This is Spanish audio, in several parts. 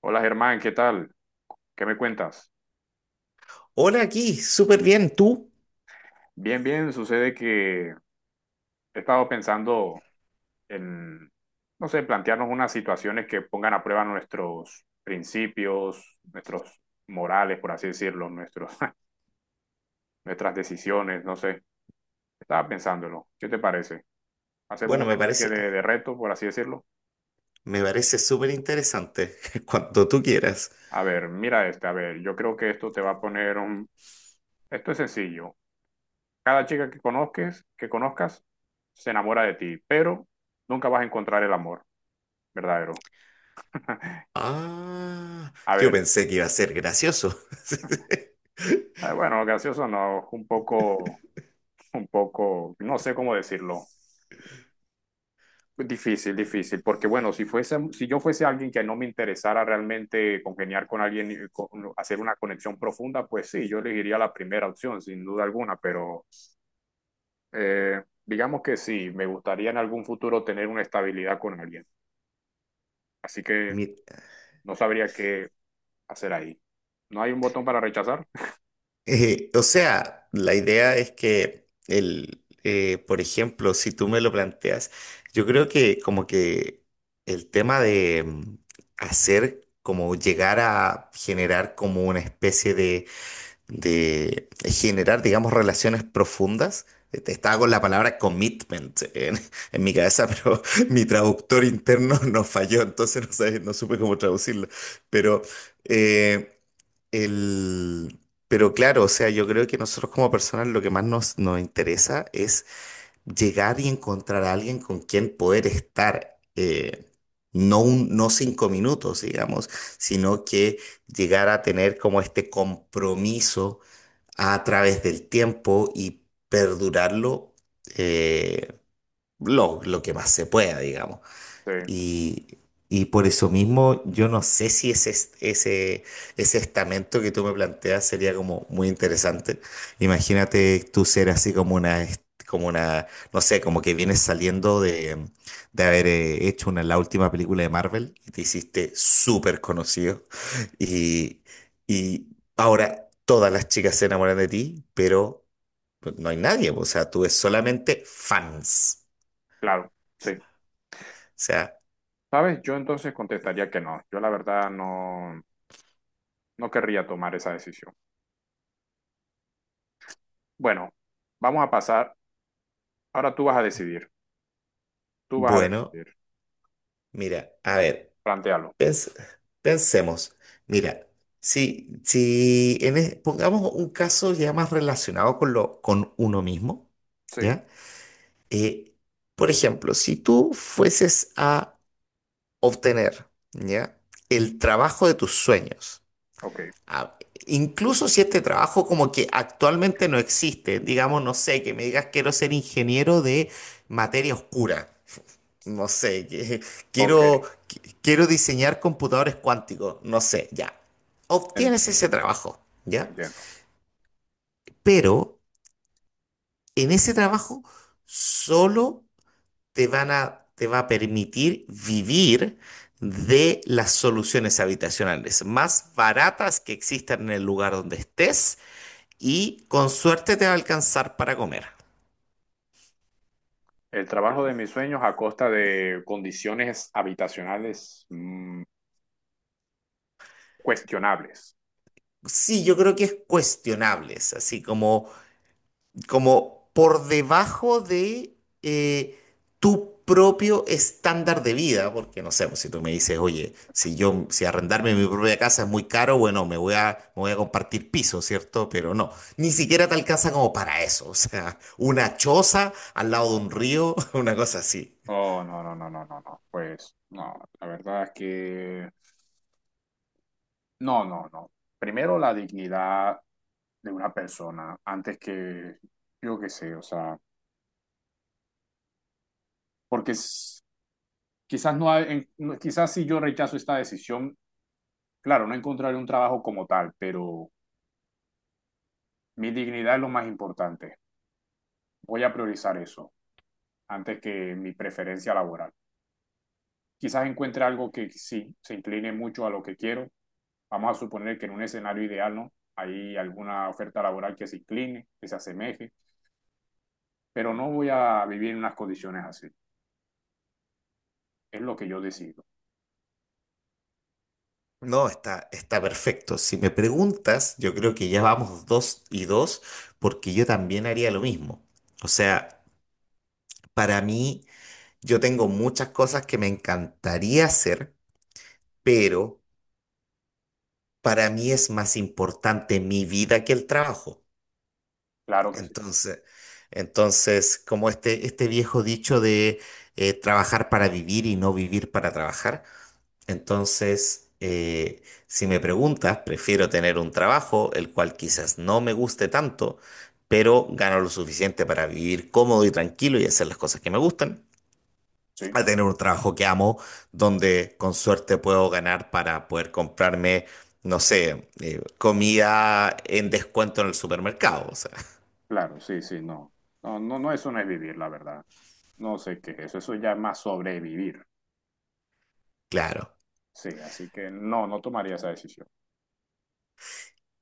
Hola Germán, ¿qué tal? ¿Qué me cuentas? Hola aquí, súper bien. ¿Tú? Bien, bien, sucede que he estado pensando en, no sé, plantearnos unas situaciones que pongan a prueba nuestros principios, nuestros morales, por así decirlo, nuestras decisiones, no sé. Estaba pensándolo. ¿Qué te parece? Hacemos Bueno, una me especie parece, de reto, por así decirlo. me parece súper interesante. Cuando tú quieras. A ver, mira este, a ver, yo creo que esto te va a poner un... Esto es sencillo. Cada chica que conozcas, se enamora de ti, pero nunca vas a encontrar el amor. Verdadero. Ah, A yo ver, pensé que iba a ser gracioso. Bueno, gracioso no, un poco, no sé cómo decirlo. Difícil, difícil, porque bueno, si fuese, si yo fuese alguien que no me interesara realmente congeniar con alguien, hacer una conexión profunda, pues sí, yo elegiría la primera opción, sin duda alguna, pero digamos que sí, me gustaría en algún futuro tener una estabilidad con alguien, así que Mi- no sabría qué hacer ahí. ¿No hay un botón para rechazar? O sea, la idea es que por ejemplo, si tú me lo planteas, yo creo que como que el tema de hacer como llegar a generar como una especie de generar, digamos, relaciones profundas. Estaba con la palabra commitment en mi cabeza, pero mi traductor interno nos falló, entonces no supe cómo traducirlo. Pero, eh, el, pero claro, o sea, yo creo que nosotros como personas lo que más nos interesa es llegar y encontrar a alguien con quien poder estar. No 5 minutos, digamos, sino que llegar a tener como este compromiso a través del tiempo y perdurarlo, eh, lo que más se pueda, digamos. Sí, Y, y por eso mismo, yo no sé si ese estamento que tú me planteas sería como muy interesante. Imagínate tú ser así como una, no sé, como que vienes saliendo de haber hecho la última película de Marvel y te hiciste súper conocido. Y, y ahora todas las chicas se enamoran de ti, pero no hay nadie. O sea, tú es solamente fans. claro, sí. O sea, ¿Sabes? Yo entonces contestaría que no. Yo la verdad no, no querría tomar esa decisión. Bueno, vamos a pasar. Ahora tú vas a decidir. Tú vas a bueno. decidir. Mira, a ver, Plantéalo. pens- pensemos. Mira, si, si en e- pongamos un caso ya más relacionado con lo, con uno mismo, Sí. ¿ya? Eh, por ejemplo, si tú fueses a obtener, ¿ya? El trabajo de tus sueños. Ok, Ah, Incluso si este trabajo como que actualmente no existe, digamos, no sé, que me digas quiero ser ingeniero de materia oscura, no sé, ok. quiero, quiero diseñar computadores cuánticos, no sé, ya. En- Obtienes ese trabajo, ¿ya? Entiendo. Pero en ese trabajo solo te va a permitir vivir de las soluciones habitacionales más baratas que existan en el lugar donde estés y con suerte te va a alcanzar para comer. El trabajo de mis sueños a costa de condiciones habitacionales cuestionables. Sí, yo creo que es cuestionable, es así como por debajo de, eh, tu propio estándar de vida, porque no sé, pues, si tú me dices, oye, si yo, si arrendarme mi propia casa es muy caro, bueno, me voy a compartir piso, ¿cierto? Pero no, ni siquiera te alcanza como para eso, o sea, una choza al lado de un río, una cosa así. Oh, no, no, no, no, no, no. Pues no, la verdad es que no, no, no. Primero la dignidad de una persona antes que, yo qué sé, o sea. porque es- Quizás no hay, quizás si yo rechazo esta decisión, claro, no encontraré un trabajo como tal, pero mi dignidad es lo más importante. Voy a priorizar eso antes que mi preferencia laboral. Quizás encuentre algo que sí se incline mucho a lo que quiero. Vamos a suponer que en un escenario ideal, ¿no? Hay alguna oferta laboral que se incline, que se asemeje, pero no voy a vivir en unas condiciones así. Es lo que yo decido. No, está, está perfecto. Si me preguntas, yo creo que ya vamos dos y dos, porque yo también haría lo mismo. O sea, para mí, yo tengo muchas cosas que me encantaría hacer, pero para mí es más importante mi vida que el trabajo. Claro que sí. Entonces, entonces, como este viejo dicho de, trabajar para vivir y no vivir para trabajar. Entonces, si me preguntas, prefiero tener un trabajo, el cual quizás no me guste tanto, pero gano lo suficiente para vivir cómodo y tranquilo y hacer las cosas que me gustan, Sí. a tener un trabajo que amo, donde con suerte puedo ganar para poder comprarme, no sé, comida en descuento en el supermercado. O sea, Claro, sí, sí, no. No, no, no, eso no es vivir, la verdad. No sé qué es eso, eso ya es más sobrevivir. claro. Sí, así que no, no tomaría esa decisión.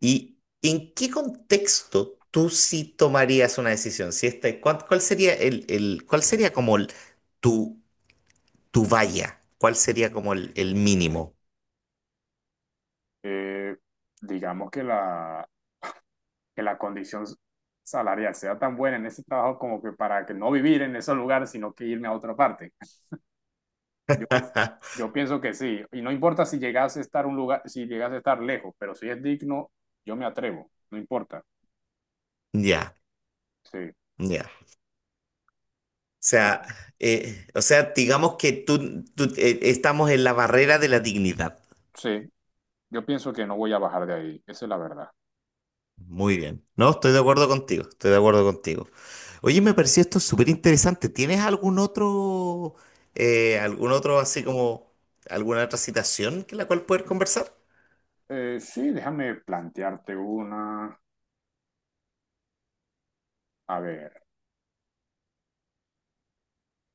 ¿Y en qué contexto tú sí tomarías una decisión? Si esta, ¿cuál, cuál sería cuál sería como tu tu valla? ¿Cuál sería como el mínimo? Eh, digamos que que la condición salarial sea tan buena en ese trabajo como que para que no vivir en ese lugar, sino que irme a otra parte. Yo, yo pienso que sí, y no importa si llegase a estar un lugar, si llegase a estar lejos, pero si es digno, yo me atrevo, no importa. Ya, Sí, ya. Sea, bueno, o sea, digamos que estamos en la barrera de la dignidad. sí, yo pienso que no voy a bajar de ahí, esa es la verdad. Muy bien. No, estoy de acuerdo contigo, estoy de acuerdo contigo. Oye, me pareció esto súper interesante. ¿Tienes algún otro así como, alguna otra citación que la cual poder conversar? Sí, déjame plantearte una. A ver,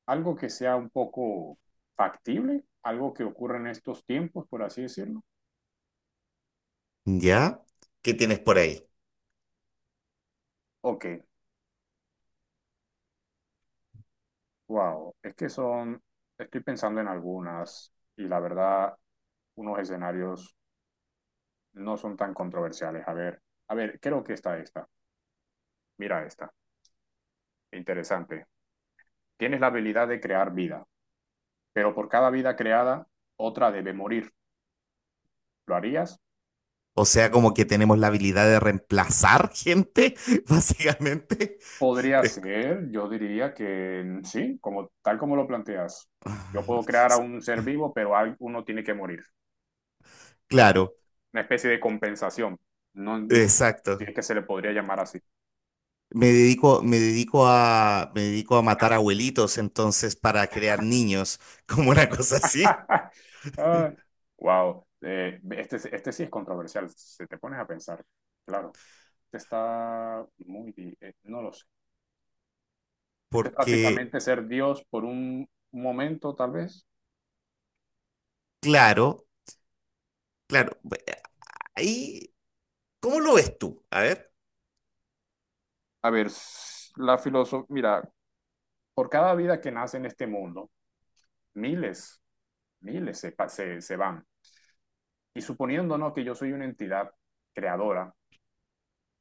algo que sea un poco factible, algo que ocurra en estos tiempos, por así decirlo. ¿Ya? ¿Qué tienes por ahí? Ok, wow, estoy pensando en algunas y la verdad, unos escenarios no son tan controversiales. A ver, creo que está esta. Mira esta, interesante. Tienes la habilidad de crear vida, pero por cada vida creada, otra debe morir. ¿Lo harías? O sea, como que tenemos la habilidad de reemplazar gente, básicamente. Podría ser, yo diría que sí, como tal como lo planteas. Yo puedo crear a un ser vivo, pero uno tiene que morir, como Claro, una especie de compensación. No, no, si exacto. es que se le podría llamar así. Me dedico a matar abuelitos, entonces, para crear niños, como una cosa así. Wow. Este sí es controversial, si te pones a pensar. Claro, este está muy, no lo sé. Este es Porque, prácticamente ser Dios por un momento, tal vez. claro, claro, ahí, ¿cómo lo ves tú? A ver, A ver, la filosofía, mira, por cada vida que nace en este mundo, miles, miles se van. Y suponiendo, ¿no? que yo soy una entidad creadora,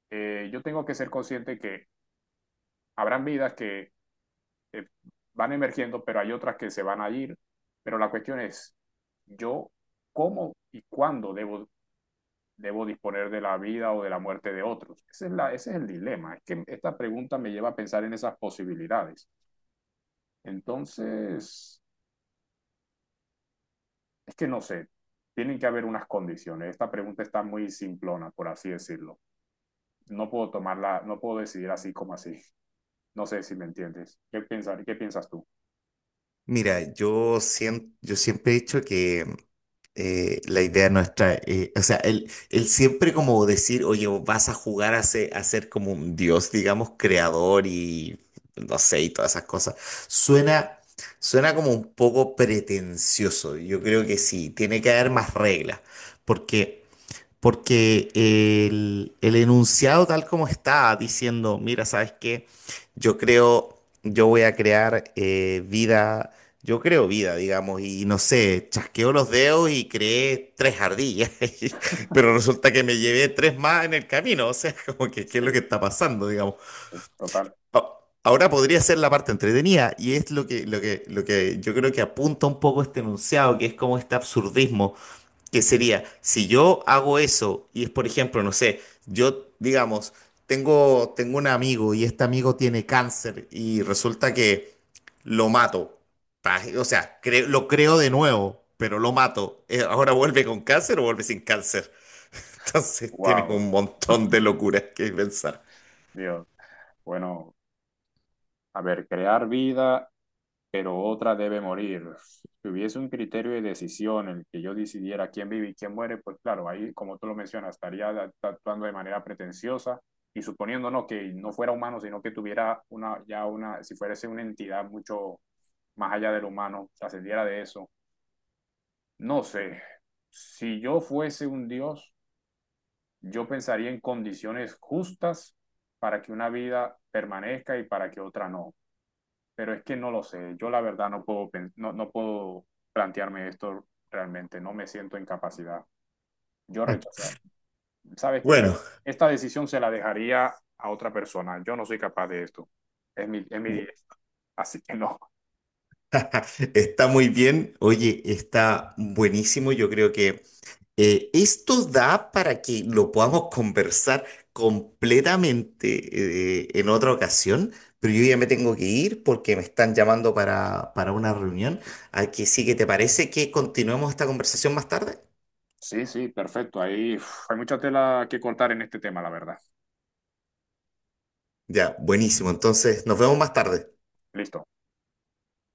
yo tengo que ser consciente que habrán vidas que eh, van emergiendo, pero hay otras que se van a ir. Pero la cuestión es, yo cómo y cuándo debo disponer de la vida o de la muerte de otros. Ese es el dilema. Es que esta pregunta me lleva a pensar en esas posibilidades. Entonces, es que no sé, tienen que haber unas condiciones. Esta pregunta está muy simplona, por así decirlo. No puedo tomarla, no puedo decidir así como así. No sé si me entiendes. Qué piensas tú? mira, yo siempre he dicho que, la idea nuestra, o sea, él siempre como decir, oye, vas a jugar a ser como un dios, digamos, creador y no sé, y todas esas cosas, suena, suena como un poco pretencioso. Yo creo que sí, tiene que haber más reglas, porque... Porque el enunciado tal como está diciendo, mira, ¿sabes qué? Yo creo, yo voy a crear vida, yo creo vida, digamos, y no sé, chasqueo los dedos y creé tres ardillas, pero resulta que me llevé tres más en el camino, o sea, como que, ¿qué es lo Sí, que está pasando, digamos? sí, total. A- Ahora podría ser la parte entretenida y es lo que yo creo que apunta un poco este enunciado, que es como este absurdismo que sería, si yo hago eso y es, por ejemplo, no sé, yo, digamos, tengo un amigo y este amigo tiene cáncer y resulta que lo mato. O sea, lo creo de nuevo, pero lo mato. ¿Ahora vuelve con cáncer o vuelve sin cáncer? Entonces tienes un Wow. montón de locuras que pensar. Dios. Bueno, a ver, crear vida, pero otra debe morir. Si hubiese un criterio de decisión en el que yo decidiera quién vive y quién muere, pues claro, ahí, como tú lo mencionas, estaría actuando de manera pretenciosa y suponiendo no que no fuera humano, sino que tuviera si fuese una entidad mucho más allá del humano, trascendiera de eso. No sé, si yo fuese un Dios, yo pensaría en condiciones justas para que una vida permanezca y para que otra no. Pero es que no lo sé, yo la verdad no puedo, no puedo plantearme esto realmente, no me siento en capacidad. Yo rechazar. ¿Sabes qué? Bueno, Esta decisión se la dejaría a otra persona, yo no soy capaz de esto. Es mi, es mi, así que no. está muy bien. Oye, está buenísimo. Yo creo que esto da para que lo podamos conversar completamente, en otra ocasión, pero yo ya me tengo que ir porque me están llamando para una reunión. Aquí sí que te parece que continuemos esta conversación más tarde. Sí, sí, perfecto. Ahí uf, hay mucha tela que cortar en este tema, la verdad. Ya, buenísimo. Entonces, nos vemos más tarde. Listo.